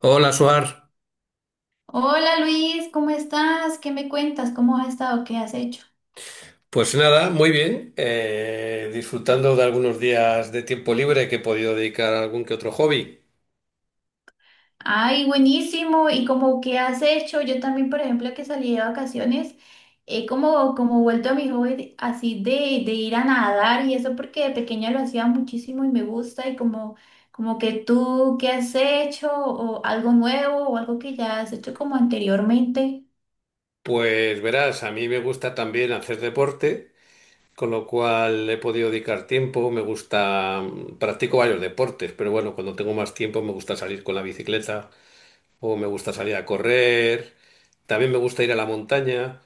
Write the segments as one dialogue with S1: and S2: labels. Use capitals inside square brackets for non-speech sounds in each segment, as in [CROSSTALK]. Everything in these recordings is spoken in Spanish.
S1: Hola, Suar.
S2: Hola Luis, ¿cómo estás? ¿Qué me cuentas? ¿Cómo has estado? ¿Qué has hecho?
S1: Pues nada, muy bien. Disfrutando de algunos días de tiempo libre que he podido dedicar a algún que otro hobby.
S2: Ay, buenísimo. ¿Y como qué has hecho? Yo también, por ejemplo, que salí de vacaciones, he como, vuelto a mi hobby de ir a nadar y eso porque de pequeña lo hacía muchísimo y me gusta y como, como que tú, ¿qué has hecho? ¿O algo nuevo o algo que ya has hecho como anteriormente?
S1: Pues verás, a mí me gusta también hacer deporte, con lo cual he podido dedicar tiempo. Me gusta, practico varios deportes, pero bueno, cuando tengo más tiempo me gusta salir con la bicicleta o me gusta salir a correr. También me gusta ir a la montaña.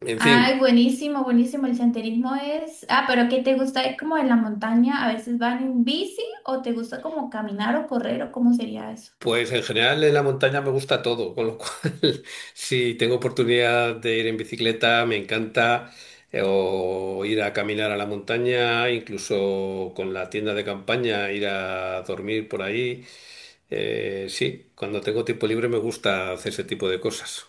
S1: En fin.
S2: Ay, buenísimo, buenísimo. El senderismo es... Ah, pero ¿qué te gusta? ¿Es como en la montaña? ¿A veces van en bici o te gusta como caminar o correr o cómo sería eso?
S1: Pues en general en la montaña me gusta todo, con lo cual [LAUGHS] si tengo oportunidad de ir en bicicleta me encanta, o ir a caminar a la montaña, incluso con la tienda de campaña ir a dormir por ahí. Sí, cuando tengo tiempo libre me gusta hacer ese tipo de cosas.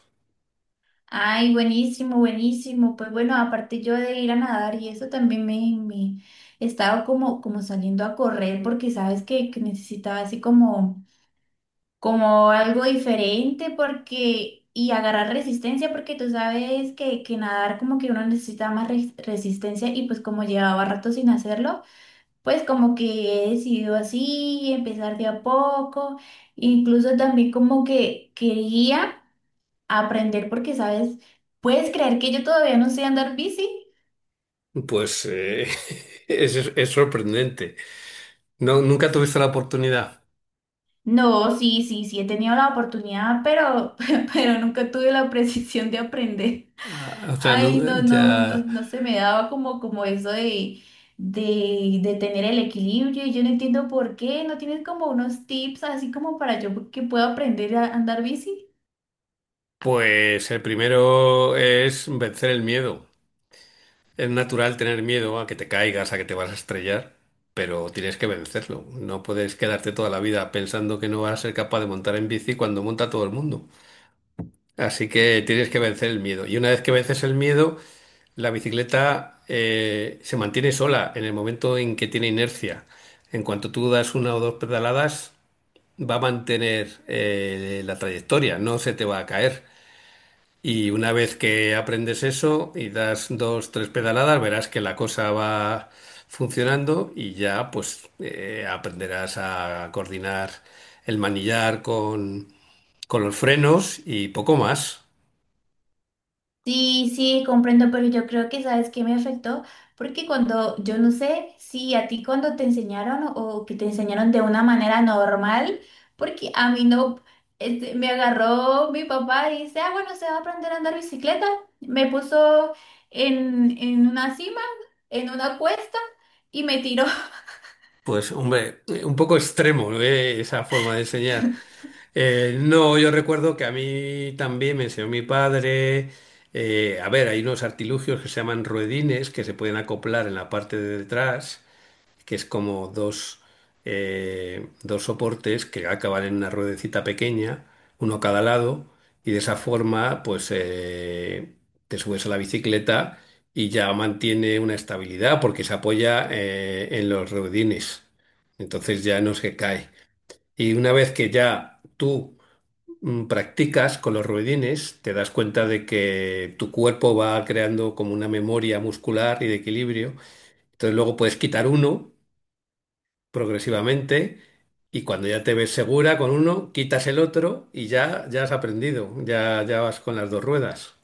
S2: Ay, buenísimo, buenísimo. Pues bueno, aparte yo de ir a nadar y eso también me he estado como, como saliendo a correr porque sabes que necesitaba así como, como algo diferente porque... Y agarrar resistencia porque tú sabes que nadar como que uno necesita más resistencia y pues como llevaba rato sin hacerlo. Pues como que he decidido así, empezar de a poco, incluso también como que quería aprender porque, ¿sabes? ¿Puedes creer que yo todavía no sé andar bici?
S1: Pues [LAUGHS] es sorprendente. No, nunca tuviste la oportunidad.
S2: No, sí, sí, sí, he tenido la oportunidad, pero, [LAUGHS] pero nunca tuve la precisión de aprender.
S1: Ah, o sea,
S2: Ay, no, no, no,
S1: ya.
S2: no se me daba como, como eso de tener el equilibrio y yo no entiendo por qué. ¿No tienes como unos tips así como para yo que pueda aprender a andar bici?
S1: Pues el primero es vencer el miedo. Es natural tener miedo a que te caigas, a que te vas a estrellar, pero tienes que vencerlo. No puedes quedarte toda la vida pensando que no vas a ser capaz de montar en bici cuando monta todo el mundo. Así que tienes que vencer el miedo. Y una vez que vences el miedo, la bicicleta se mantiene sola en el momento en que tiene inercia. En cuanto tú das una o dos pedaladas, va a mantener la trayectoria, no se te va a caer. Y una vez que aprendes eso y das dos, tres pedaladas, verás que la cosa va funcionando y ya pues aprenderás a coordinar el manillar con los frenos y poco más.
S2: Sí, sí, comprendo, pero yo creo que sabes que me afectó, porque cuando, yo no sé si a ti cuando te enseñaron o que te enseñaron de una manera normal, porque a mí no, este, me agarró mi papá y dice, ah, bueno, se va a aprender a andar bicicleta, me puso en una cima, en una cuesta y me tiró.
S1: Pues hombre, un poco extremo, ¿eh? Esa forma de enseñar. No, yo recuerdo que a mí también me enseñó mi padre. A ver, hay unos artilugios que se llaman ruedines que se pueden acoplar en la parte de detrás, que es como dos, dos soportes que acaban en una ruedecita pequeña, uno a cada lado, y de esa forma, pues te subes a la bicicleta y ya mantiene una estabilidad porque se apoya en los ruedines. Entonces ya no se cae. Y una vez que ya tú practicas con los ruedines, te das cuenta de que tu cuerpo va creando como una memoria muscular y de equilibrio. Entonces luego puedes quitar uno progresivamente y cuando ya te ves segura con uno, quitas el otro y ya, ya has aprendido, ya, ya vas con las dos ruedas.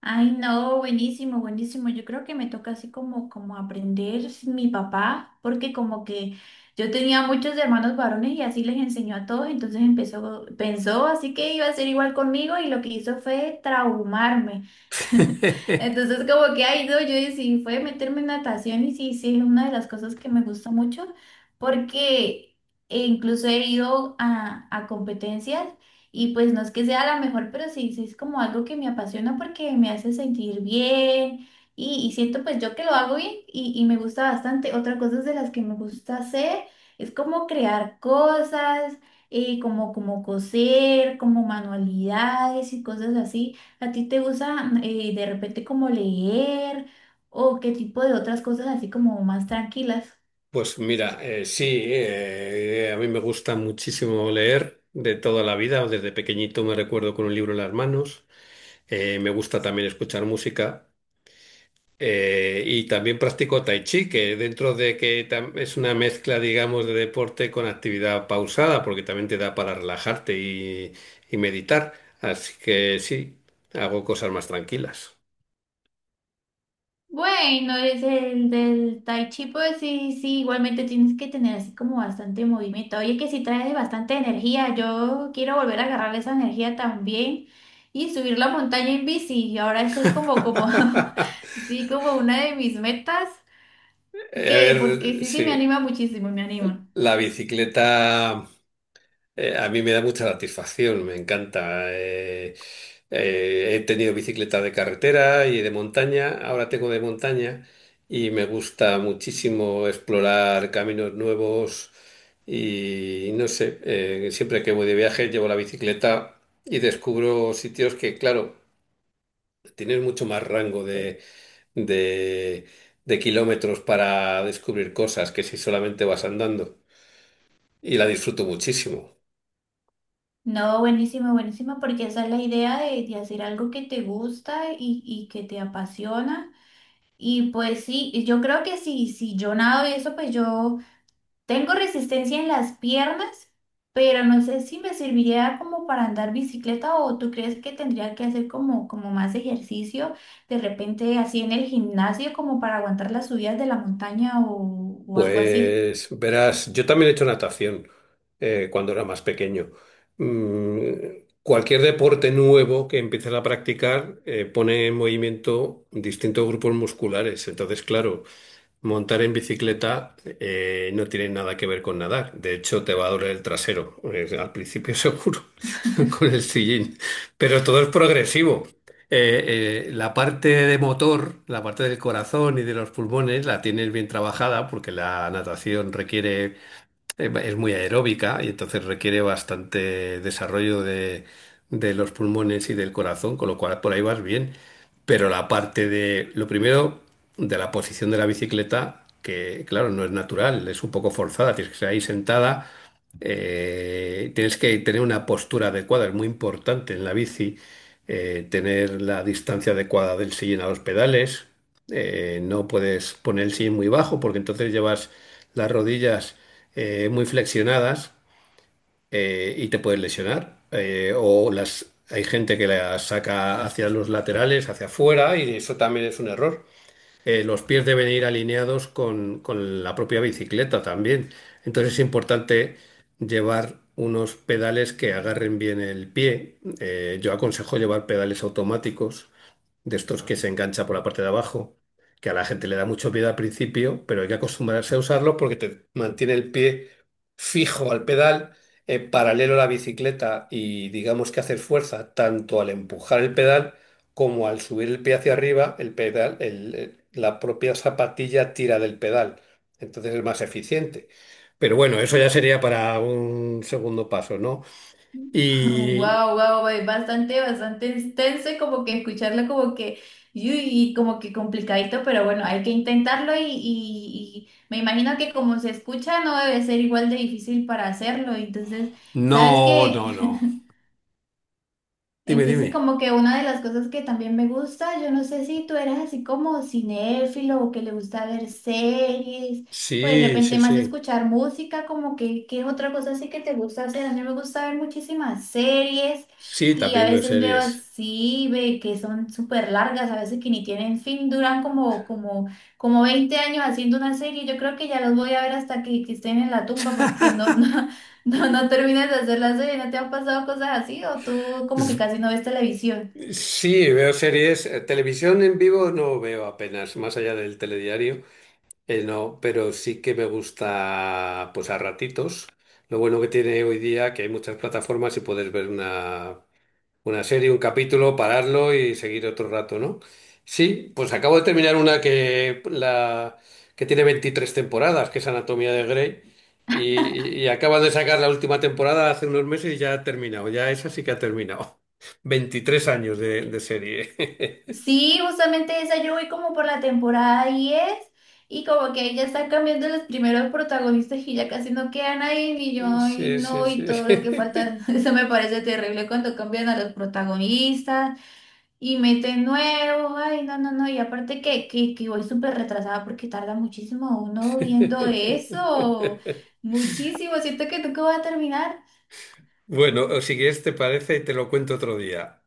S2: Ay, no, buenísimo, buenísimo. Yo creo que me toca así como, como aprender mi papá, porque como que yo tenía muchos hermanos varones y así les enseñó a todos, entonces empezó, pensó así que iba a ser igual conmigo y lo que hizo fue traumarme. [LAUGHS]
S1: [LAUGHS]
S2: Entonces como que, ay, no, yo decidí fue meterme en natación y sí, sí, es una de las cosas que me gusta mucho porque incluso he ido a competencias y pues no es que sea la mejor, pero sí, sí es como algo que me apasiona porque me hace sentir bien y siento pues yo que lo hago bien y me gusta bastante. Otra cosa de las que me gusta hacer es como crear cosas, como, como coser, como manualidades y cosas así. ¿A ti te gusta de repente como leer o qué tipo de otras cosas así como más tranquilas?
S1: Pues mira, sí, a mí me gusta muchísimo leer de toda la vida, desde pequeñito me recuerdo con un libro en las manos. Me gusta también escuchar música. Y también practico tai chi, que dentro de que es una mezcla, digamos, de deporte con actividad pausada, porque también te da para relajarte y meditar. Así que sí, hago cosas más tranquilas.
S2: Bueno, es el del Tai Chi, pues sí, sí, igualmente tienes que tener así como bastante movimiento. Oye, que sí trae bastante energía. Yo quiero volver a agarrar esa energía también y subir la montaña en bici. Y ahora esa
S1: [LAUGHS]
S2: es como, como,
S1: A
S2: [LAUGHS] sí, como una de mis metas, que porque
S1: ver,
S2: sí, sí me
S1: sí,
S2: anima muchísimo, me anima.
S1: la bicicleta. A mí me da mucha satisfacción, me encanta. He tenido bicicleta de carretera y de montaña, ahora tengo de montaña y me gusta muchísimo explorar caminos nuevos y no sé, siempre que voy de viaje llevo la bicicleta y descubro sitios que, claro, tienes mucho más rango de, de, de kilómetros para descubrir cosas que si solamente vas andando, y la disfruto muchísimo.
S2: No, buenísimo, buenísimo, porque esa es la idea de hacer algo que te gusta y que te apasiona. Y pues sí, y yo creo que si, si yo nado y eso, pues yo tengo resistencia en las piernas, pero no sé si me serviría como para andar bicicleta o tú crees que tendría que hacer como, como más ejercicio, de repente así en el gimnasio, como para aguantar las subidas de la montaña o algo así.
S1: Pues verás, yo también he hecho natación cuando era más pequeño. Mm, Cualquier deporte nuevo que empieces a practicar pone en movimiento distintos grupos musculares. Entonces, claro, montar en bicicleta no tiene nada que ver con nadar. De hecho, te va a doler el trasero, al principio [LAUGHS] seguro, con el sillín. Pero todo es progresivo. La parte de motor, la parte del corazón y de los pulmones, la tienes bien trabajada porque la natación requiere, es muy aeróbica y entonces requiere bastante desarrollo de los pulmones y del corazón, con lo cual por ahí vas bien. Pero la parte de, lo primero, de la posición de la bicicleta, que claro, no es natural, es un poco forzada, tienes que estar ahí sentada, tienes que tener una postura adecuada, es muy importante en la bici, tener la distancia adecuada del sillín a los pedales. No puedes poner el sillín muy bajo porque entonces llevas las rodillas muy flexionadas y te puedes lesionar. O las, hay gente que las saca hacia los laterales, hacia afuera, y eso también es un error. Los pies deben ir alineados con la propia bicicleta también. Entonces es importante llevar unos pedales que agarren bien el pie. Yo aconsejo llevar pedales automáticos, de estos que se engancha por la parte de abajo, que a la gente le da mucho miedo al principio, pero hay que acostumbrarse a usarlo porque te mantiene el pie fijo al pedal, paralelo a la bicicleta, y digamos que hacer fuerza tanto al empujar el pedal como al subir el pie hacia arriba, el pedal, la propia zapatilla tira del pedal. Entonces es más eficiente. Pero bueno, eso ya sería para un segundo paso, ¿no? Y
S2: Wow, wow, bastante, bastante extenso y como que escucharlo como que, y y como que complicadito, pero bueno, hay que intentarlo y me imagino que como se escucha no debe ser igual de difícil para hacerlo. Entonces, ¿sabes
S1: no,
S2: qué?
S1: no, no. Dime,
S2: Entonces,
S1: dime.
S2: como que una de las cosas que también me gusta, yo no sé si tú eres así como cinéfilo o que le gusta ver series o de
S1: Sí, sí,
S2: repente más
S1: sí.
S2: escuchar música, como que, ¿qué es otra cosa así que te gusta hacer? A mí me gusta ver muchísimas series
S1: Sí,
S2: y a
S1: también veo
S2: veces veo
S1: series.
S2: así, ve que son súper largas, a veces que ni tienen fin, duran como, como, como 20 años haciendo una serie. Yo creo que ya los voy a ver hasta que estén en la tumba porque no, [LAUGHS] no,
S1: [LAUGHS]
S2: no, no terminas de hacer la serie. ¿No te han pasado cosas así? ¿O tú como que casi no ves televisión?
S1: Sí, veo series. Televisión en vivo no veo apenas, más allá del telediario. No, pero sí que me gusta, pues a ratitos. Lo bueno que tiene hoy día que hay muchas plataformas y puedes ver una serie, un capítulo, pararlo y seguir otro rato, ¿no? Sí, pues acabo de terminar una que tiene 23 temporadas, que es Anatomía de Grey, y acaban de sacar la última temporada hace unos meses y ya ha terminado, ya esa sí que ha terminado. [LAUGHS] 23 años de serie. [LAUGHS]
S2: Sí, justamente esa yo voy como por la temporada 10 y como que ya están cambiando los primeros protagonistas y ya casi no queda nadie, ni yo, y
S1: Sí, sí,
S2: no,
S1: sí.
S2: y todo lo que falta. [LAUGHS] Eso me parece terrible cuando cambian a los protagonistas y meten nuevos, ay, no, no, no, y aparte que voy súper retrasada porque tarda muchísimo uno viendo
S1: [LAUGHS]
S2: eso, muchísimo, siento que nunca va a terminar.
S1: Bueno, o si quieres, te parece, te lo cuento otro día.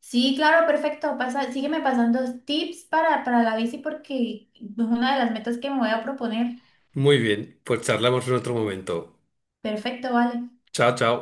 S2: Sí, claro, perfecto. Pasa, sígueme pasando tips para la bici porque es una de las metas que me voy a proponer.
S1: Muy bien, pues charlamos en otro momento.
S2: Perfecto, vale.
S1: Chao, chao.